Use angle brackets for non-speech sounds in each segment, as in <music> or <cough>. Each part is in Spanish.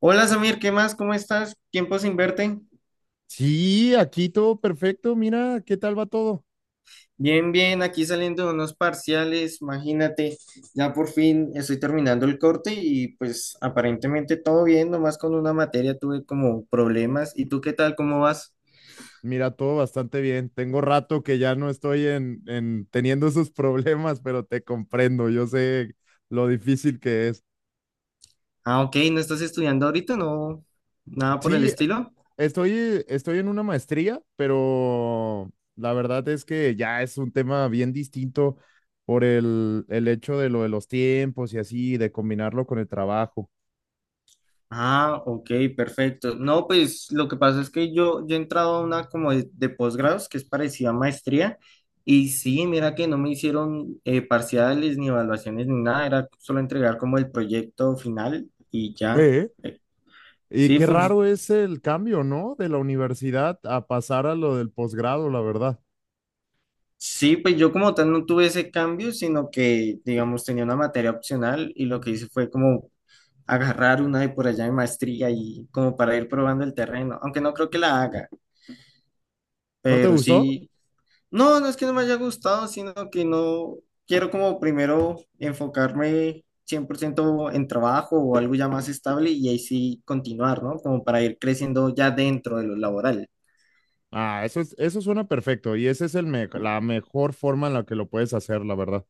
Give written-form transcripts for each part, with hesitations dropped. Hola Samir, ¿qué más? ¿Cómo estás? Tiempo sin verte. Sí, aquí todo perfecto. Mira, ¿qué tal va todo? Bien, bien, aquí saliendo de unos parciales, imagínate, ya por fin estoy terminando el corte y pues aparentemente todo bien, nomás con una materia tuve como problemas. ¿Y tú qué tal? ¿Cómo vas? Mira, todo bastante bien. Tengo rato que ya no estoy en teniendo esos <laughs> problemas, pero te comprendo. Yo sé lo difícil que es. Ah, ok, ¿no estás estudiando ahorita? ¿No? ¿Nada por el Sí, estilo? estoy en una maestría, pero la verdad es que ya es un tema bien distinto por el hecho de lo de los tiempos y así, de combinarlo con el trabajo. Ah, ok, perfecto. No, pues lo que pasa es que yo he entrado a una como de posgrados que es parecida a maestría y sí, mira que no me hicieron parciales ni evaluaciones ni nada, era solo entregar como el proyecto final y ya. ¿Eh? Eh, Y sí, qué fun- raro es el cambio, ¿no? De la universidad a pasar a lo del posgrado, la verdad. sí, pues yo como tal no tuve ese cambio, sino que digamos tenía una materia opcional y lo que hice fue como agarrar una de por allá de maestría y como para ir probando el terreno, aunque no creo que la haga, ¿No te pero gustó? sí. No, no es que no me haya gustado, sino que no quiero como primero enfocarme 100% en trabajo o algo ya más estable y ahí sí continuar, ¿no? Como para ir creciendo ya dentro de lo laboral. Ah, eso suena perfecto y esa es la mejor forma en la que lo puedes hacer, la verdad.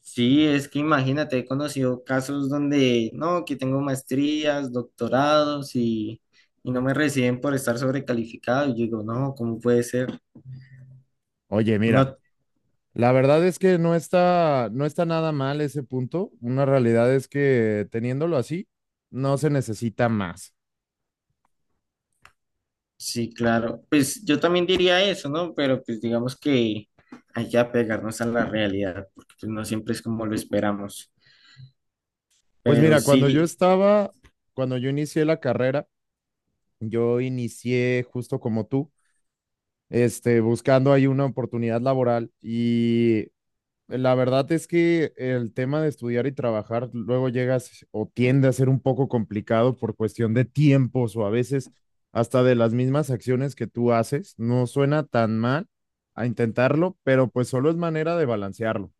Sí, es que imagínate, he conocido casos donde, no, que tengo maestrías, doctorados y no me reciben por estar sobrecalificado. Y yo digo, no, ¿cómo puede ser? Oye, mira, No. la verdad es que no está nada mal ese punto. Una realidad es que teniéndolo así, no se necesita más. Sí, claro. Pues yo también diría eso, ¿no? Pero pues digamos que hay que apegarnos a la realidad, porque pues, no siempre es como lo esperamos. Pues Pero mira, sí, cuando yo inicié la carrera, yo inicié justo como tú, buscando ahí una oportunidad laboral. Y la verdad es que el tema de estudiar y trabajar luego llegas o tiende a ser un poco complicado por cuestión de tiempos o a veces hasta de las mismas acciones que tú haces. No suena tan mal a intentarlo, pero pues solo es manera de balancearlo.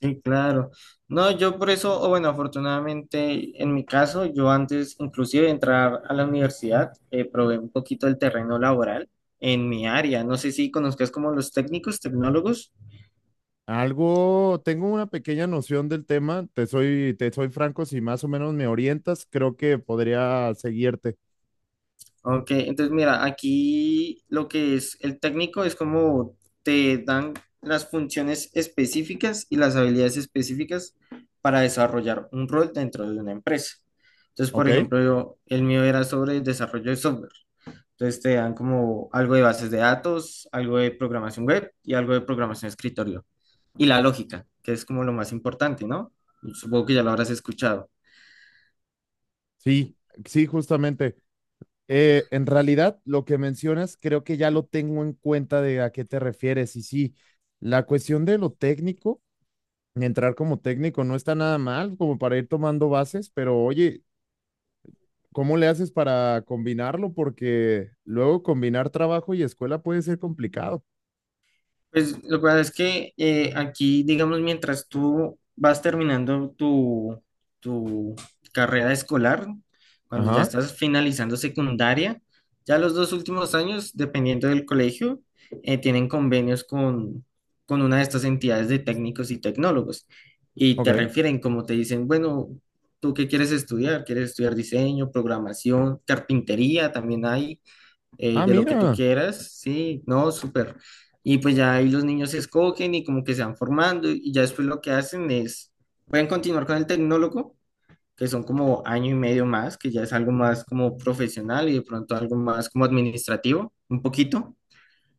sí, claro. No, yo por eso, o bueno, afortunadamente en mi caso, yo antes inclusive de entrar a la universidad, probé un poquito el terreno laboral en mi área. No sé si conozcas como los técnicos, tecnólogos. Algo, tengo una pequeña noción del tema, te soy franco, si más o menos me orientas, creo que podría seguirte, Ok, entonces mira, aquí lo que es el técnico es como te dan las funciones específicas y las habilidades específicas para desarrollar un rol dentro de una empresa. Entonces, ¿ok? por ejemplo, yo- el mío era sobre el desarrollo de software. Entonces te dan como algo de bases de datos, algo de programación web y algo de programación de escritorio. Y la lógica, que es como lo más importante, ¿no? Supongo que ya lo habrás escuchado. Sí, sí, justamente. En realidad, lo que mencionas, creo que ya lo tengo en cuenta de a qué te refieres. Y sí, la cuestión de lo técnico, entrar como técnico no está nada mal, como para ir tomando bases, pero oye, ¿cómo le haces para combinarlo? Porque luego combinar trabajo y escuela puede ser complicado. Pues lo que pasa es que aquí, digamos, mientras tú vas terminando tu carrera escolar, cuando ya Ajá, estás finalizando secundaria, ya los dos últimos años, dependiendo del colegio, tienen convenios con una de estas entidades de técnicos y tecnólogos. Y te ok. refieren, como te dicen, bueno, ¿tú qué quieres estudiar? ¿Quieres estudiar diseño, programación, carpintería? También hay Ah, de lo que tú mira. quieras, sí, no, súper. Y pues ya ahí los niños se escogen y como que se van formando y ya después lo que hacen es, pueden continuar con el tecnólogo, que son como año y medio más, que ya es algo más como profesional y de pronto algo más como administrativo, un poquito.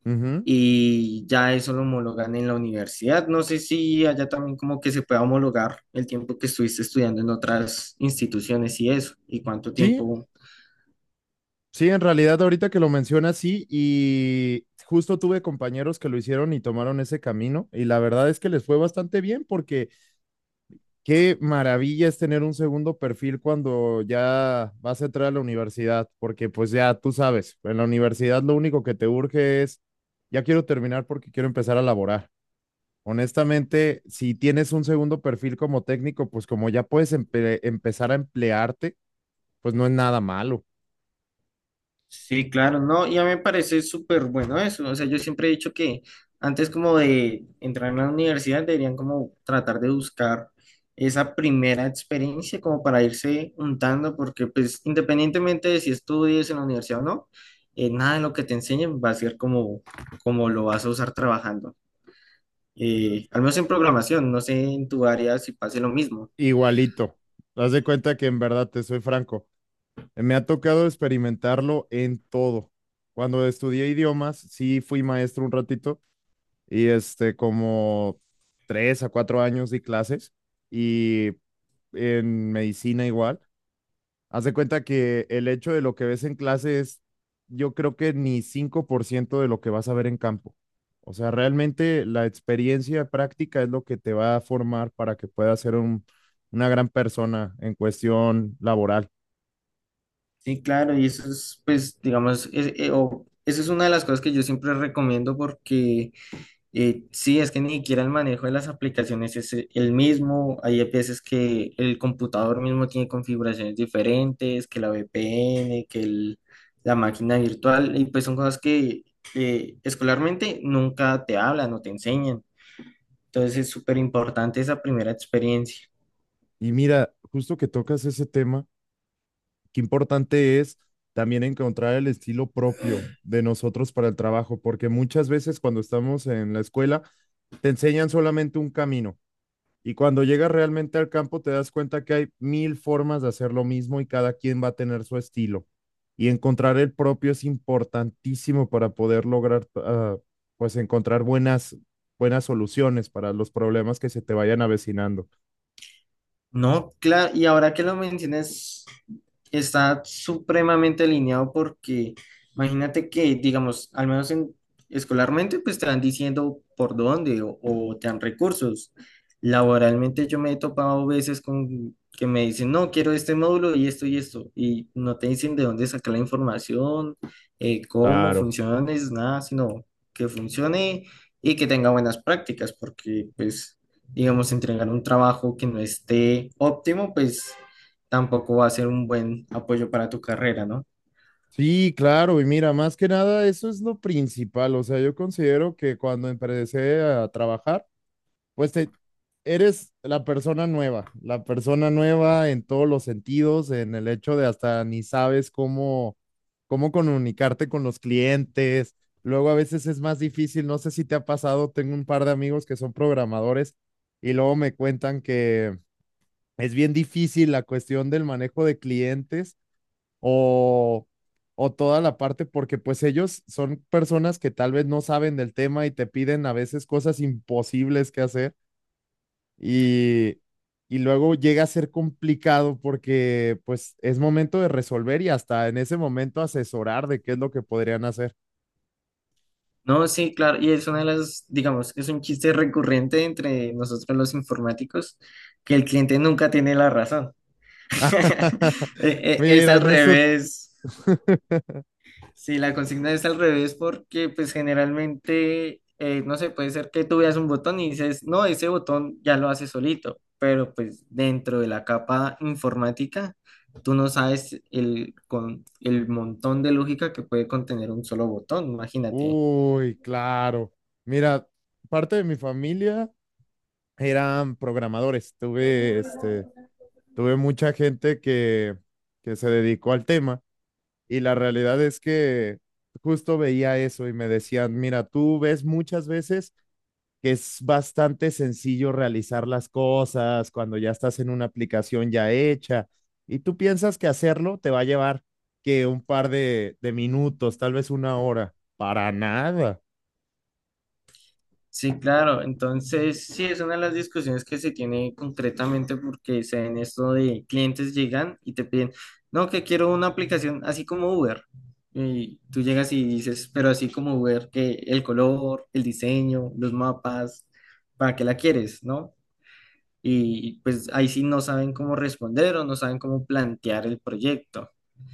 Ujú. Y ya eso lo homologan en la universidad. No sé si allá también como que se pueda homologar el tiempo que estuviste estudiando en otras instituciones y eso, y cuánto Sí, tiempo. sí, en realidad ahorita que lo mencionas, sí, y justo tuve compañeros que lo hicieron y tomaron ese camino, y la verdad es que les fue bastante bien porque qué maravilla es tener un segundo perfil cuando ya vas a entrar a la universidad, porque pues ya tú sabes, en la universidad lo único que te urge es, ya quiero terminar porque quiero empezar a laborar. Honestamente, si tienes un segundo perfil como técnico, pues como ya puedes empezar a emplearte, pues no es nada malo. Sí, claro, no, y a mí me parece súper bueno eso, o sea, yo siempre he dicho que antes como de entrar en la universidad deberían como tratar de buscar esa primera experiencia como para irse untando, porque pues independientemente de si estudies en la universidad o no, nada de lo que te enseñen va a ser como, como lo vas a usar trabajando, al menos en programación, no sé en tu área si pase lo mismo. Igualito. Haz de cuenta que en verdad te soy franco. Me ha tocado experimentarlo en todo. Cuando estudié idiomas, sí fui maestro un ratito y como tres a cuatro años di clases y en medicina igual. Haz de cuenta que el hecho de lo que ves en clase es, yo creo que ni 5% de lo que vas a ver en campo. O sea, realmente la experiencia práctica es lo que te va a formar para que puedas ser una gran persona en cuestión laboral. Sí, claro, y eso es pues digamos, es- o- eso es una de las cosas que yo siempre recomiendo porque. Sí, es que ni siquiera el manejo de las aplicaciones es el mismo. Hay veces que el computador mismo tiene configuraciones diferentes, que la VPN, que el- la máquina virtual, y pues son cosas que escolarmente nunca te hablan o te enseñan. Entonces es súper importante esa primera experiencia. Y mira, justo que tocas ese tema, qué importante es también encontrar el estilo propio de nosotros para el trabajo, porque muchas veces cuando estamos en la escuela te enseñan solamente un camino y cuando llegas realmente al campo te das cuenta que hay mil formas de hacer lo mismo y cada quien va a tener su estilo. Y encontrar el propio es importantísimo para poder lograr, ah, pues encontrar buenas soluciones para los problemas que se te vayan avecinando. No, claro, y ahora que lo mencionas, está supremamente alineado porque imagínate que, digamos, al menos en, escolarmente, pues te van diciendo por dónde o te dan recursos. Laboralmente yo me he topado veces con que me dicen, no, quiero este módulo y esto y esto, y no te dicen de dónde sacar la información, cómo Claro. funciona, es nada, sino que funcione y que tenga buenas prácticas, porque pues digamos, entregar un trabajo que no esté óptimo, pues tampoco va a ser un buen apoyo para tu carrera, ¿no? Sí, claro, y mira, más que nada eso es lo principal, o sea, yo considero que cuando empecé a trabajar, pues eres la persona nueva en todos los sentidos, en el hecho de hasta ni sabes cómo comunicarte con los clientes, luego a veces es más difícil, no sé si te ha pasado, tengo un par de amigos que son programadores y luego me cuentan que es bien difícil la cuestión del manejo de clientes o, o toda la parte, porque pues ellos son personas que tal vez no saben del tema y te piden a veces cosas imposibles que hacer y, y luego llega a ser complicado porque pues es momento de resolver y hasta en ese momento asesorar de qué es lo que podrían hacer. No, sí, claro, y es una de las, digamos, es un chiste recurrente entre nosotros los informáticos, que el cliente nunca tiene la razón. <laughs> <laughs> Es Mira al en eso. revés. <laughs> Sí, la consigna es al revés porque pues generalmente, no sé, puede ser que tú veas un botón y dices, no, ese botón ya lo hace solito, pero pues dentro de la capa informática, tú no sabes el montón de lógica que puede contener un solo botón, imagínate. Uy, claro. Mira, parte de mi familia eran programadores. Tuve mucha gente que se dedicó al tema y la realidad es que justo veía eso y me decían, mira, tú ves muchas veces que es bastante sencillo realizar las cosas cuando ya estás en una aplicación ya hecha y tú piensas que hacerlo te va a llevar que un par de minutos, tal vez una hora, para nada. Sí, claro. Entonces, sí, es una de las discusiones que se tiene concretamente porque se ven esto de clientes llegan y te piden, no, que quiero una aplicación así como Uber. Y tú llegas y dices, pero así como Uber, que el color, el diseño, los mapas, ¿para qué la quieres, no? Y pues ahí sí no saben cómo responder o no saben cómo plantear el proyecto.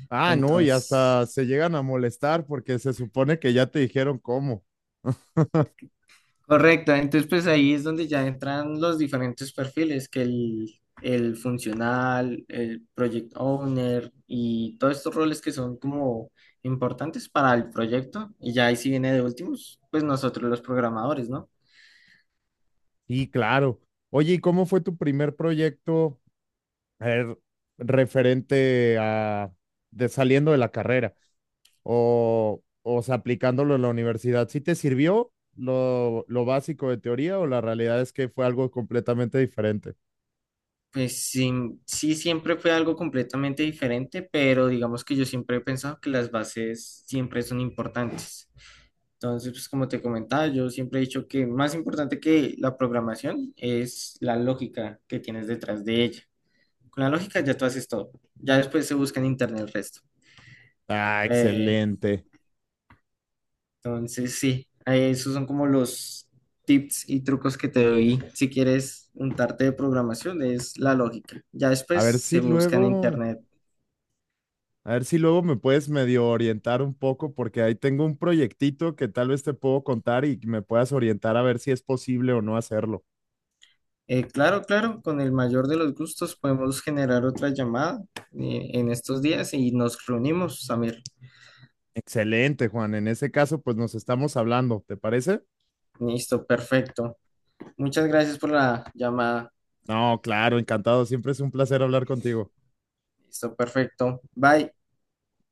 Ah, no, y Entonces. hasta se llegan a molestar porque se supone que ya te dijeron cómo. <laughs> Correcto, entonces pues ahí es donde ya entran los diferentes perfiles, que el funcional, el project owner y todos estos roles que son como importantes para el proyecto. Y ya ahí sí viene de últimos, pues nosotros los programadores, ¿no? Sí, claro. Oye, ¿y cómo fue tu primer proyecto a referente a de saliendo de la carrera? O sea, aplicándolo en la universidad. ¿Sí te sirvió lo básico de teoría o la realidad es que fue algo completamente diferente? Pues sí, sí siempre fue algo completamente diferente, pero digamos que yo siempre he pensado que las bases siempre son importantes. Entonces, pues como te comentaba, yo siempre he dicho que más importante que la programación es la lógica que tienes detrás de ella. Con la lógica ya tú haces todo. Ya después se busca en internet el resto. Ah, Eh, excelente. entonces, sí, esos son como los tips y trucos que te doy si quieres untarte de programación, es la lógica. Ya A después ver si se busca en luego, internet. a ver si luego me puedes medio orientar un poco porque ahí tengo un proyectito que tal vez te puedo contar y me puedas orientar a ver si es posible o no hacerlo. Claro, claro, con el mayor de los gustos podemos generar otra llamada en estos días y nos reunimos, Samir. Excelente, Juan. En ese caso, pues nos estamos hablando, ¿te parece? Listo, perfecto. Muchas gracias por la llamada. No, claro, encantado. Siempre es un placer hablar contigo. Listo, perfecto. Bye.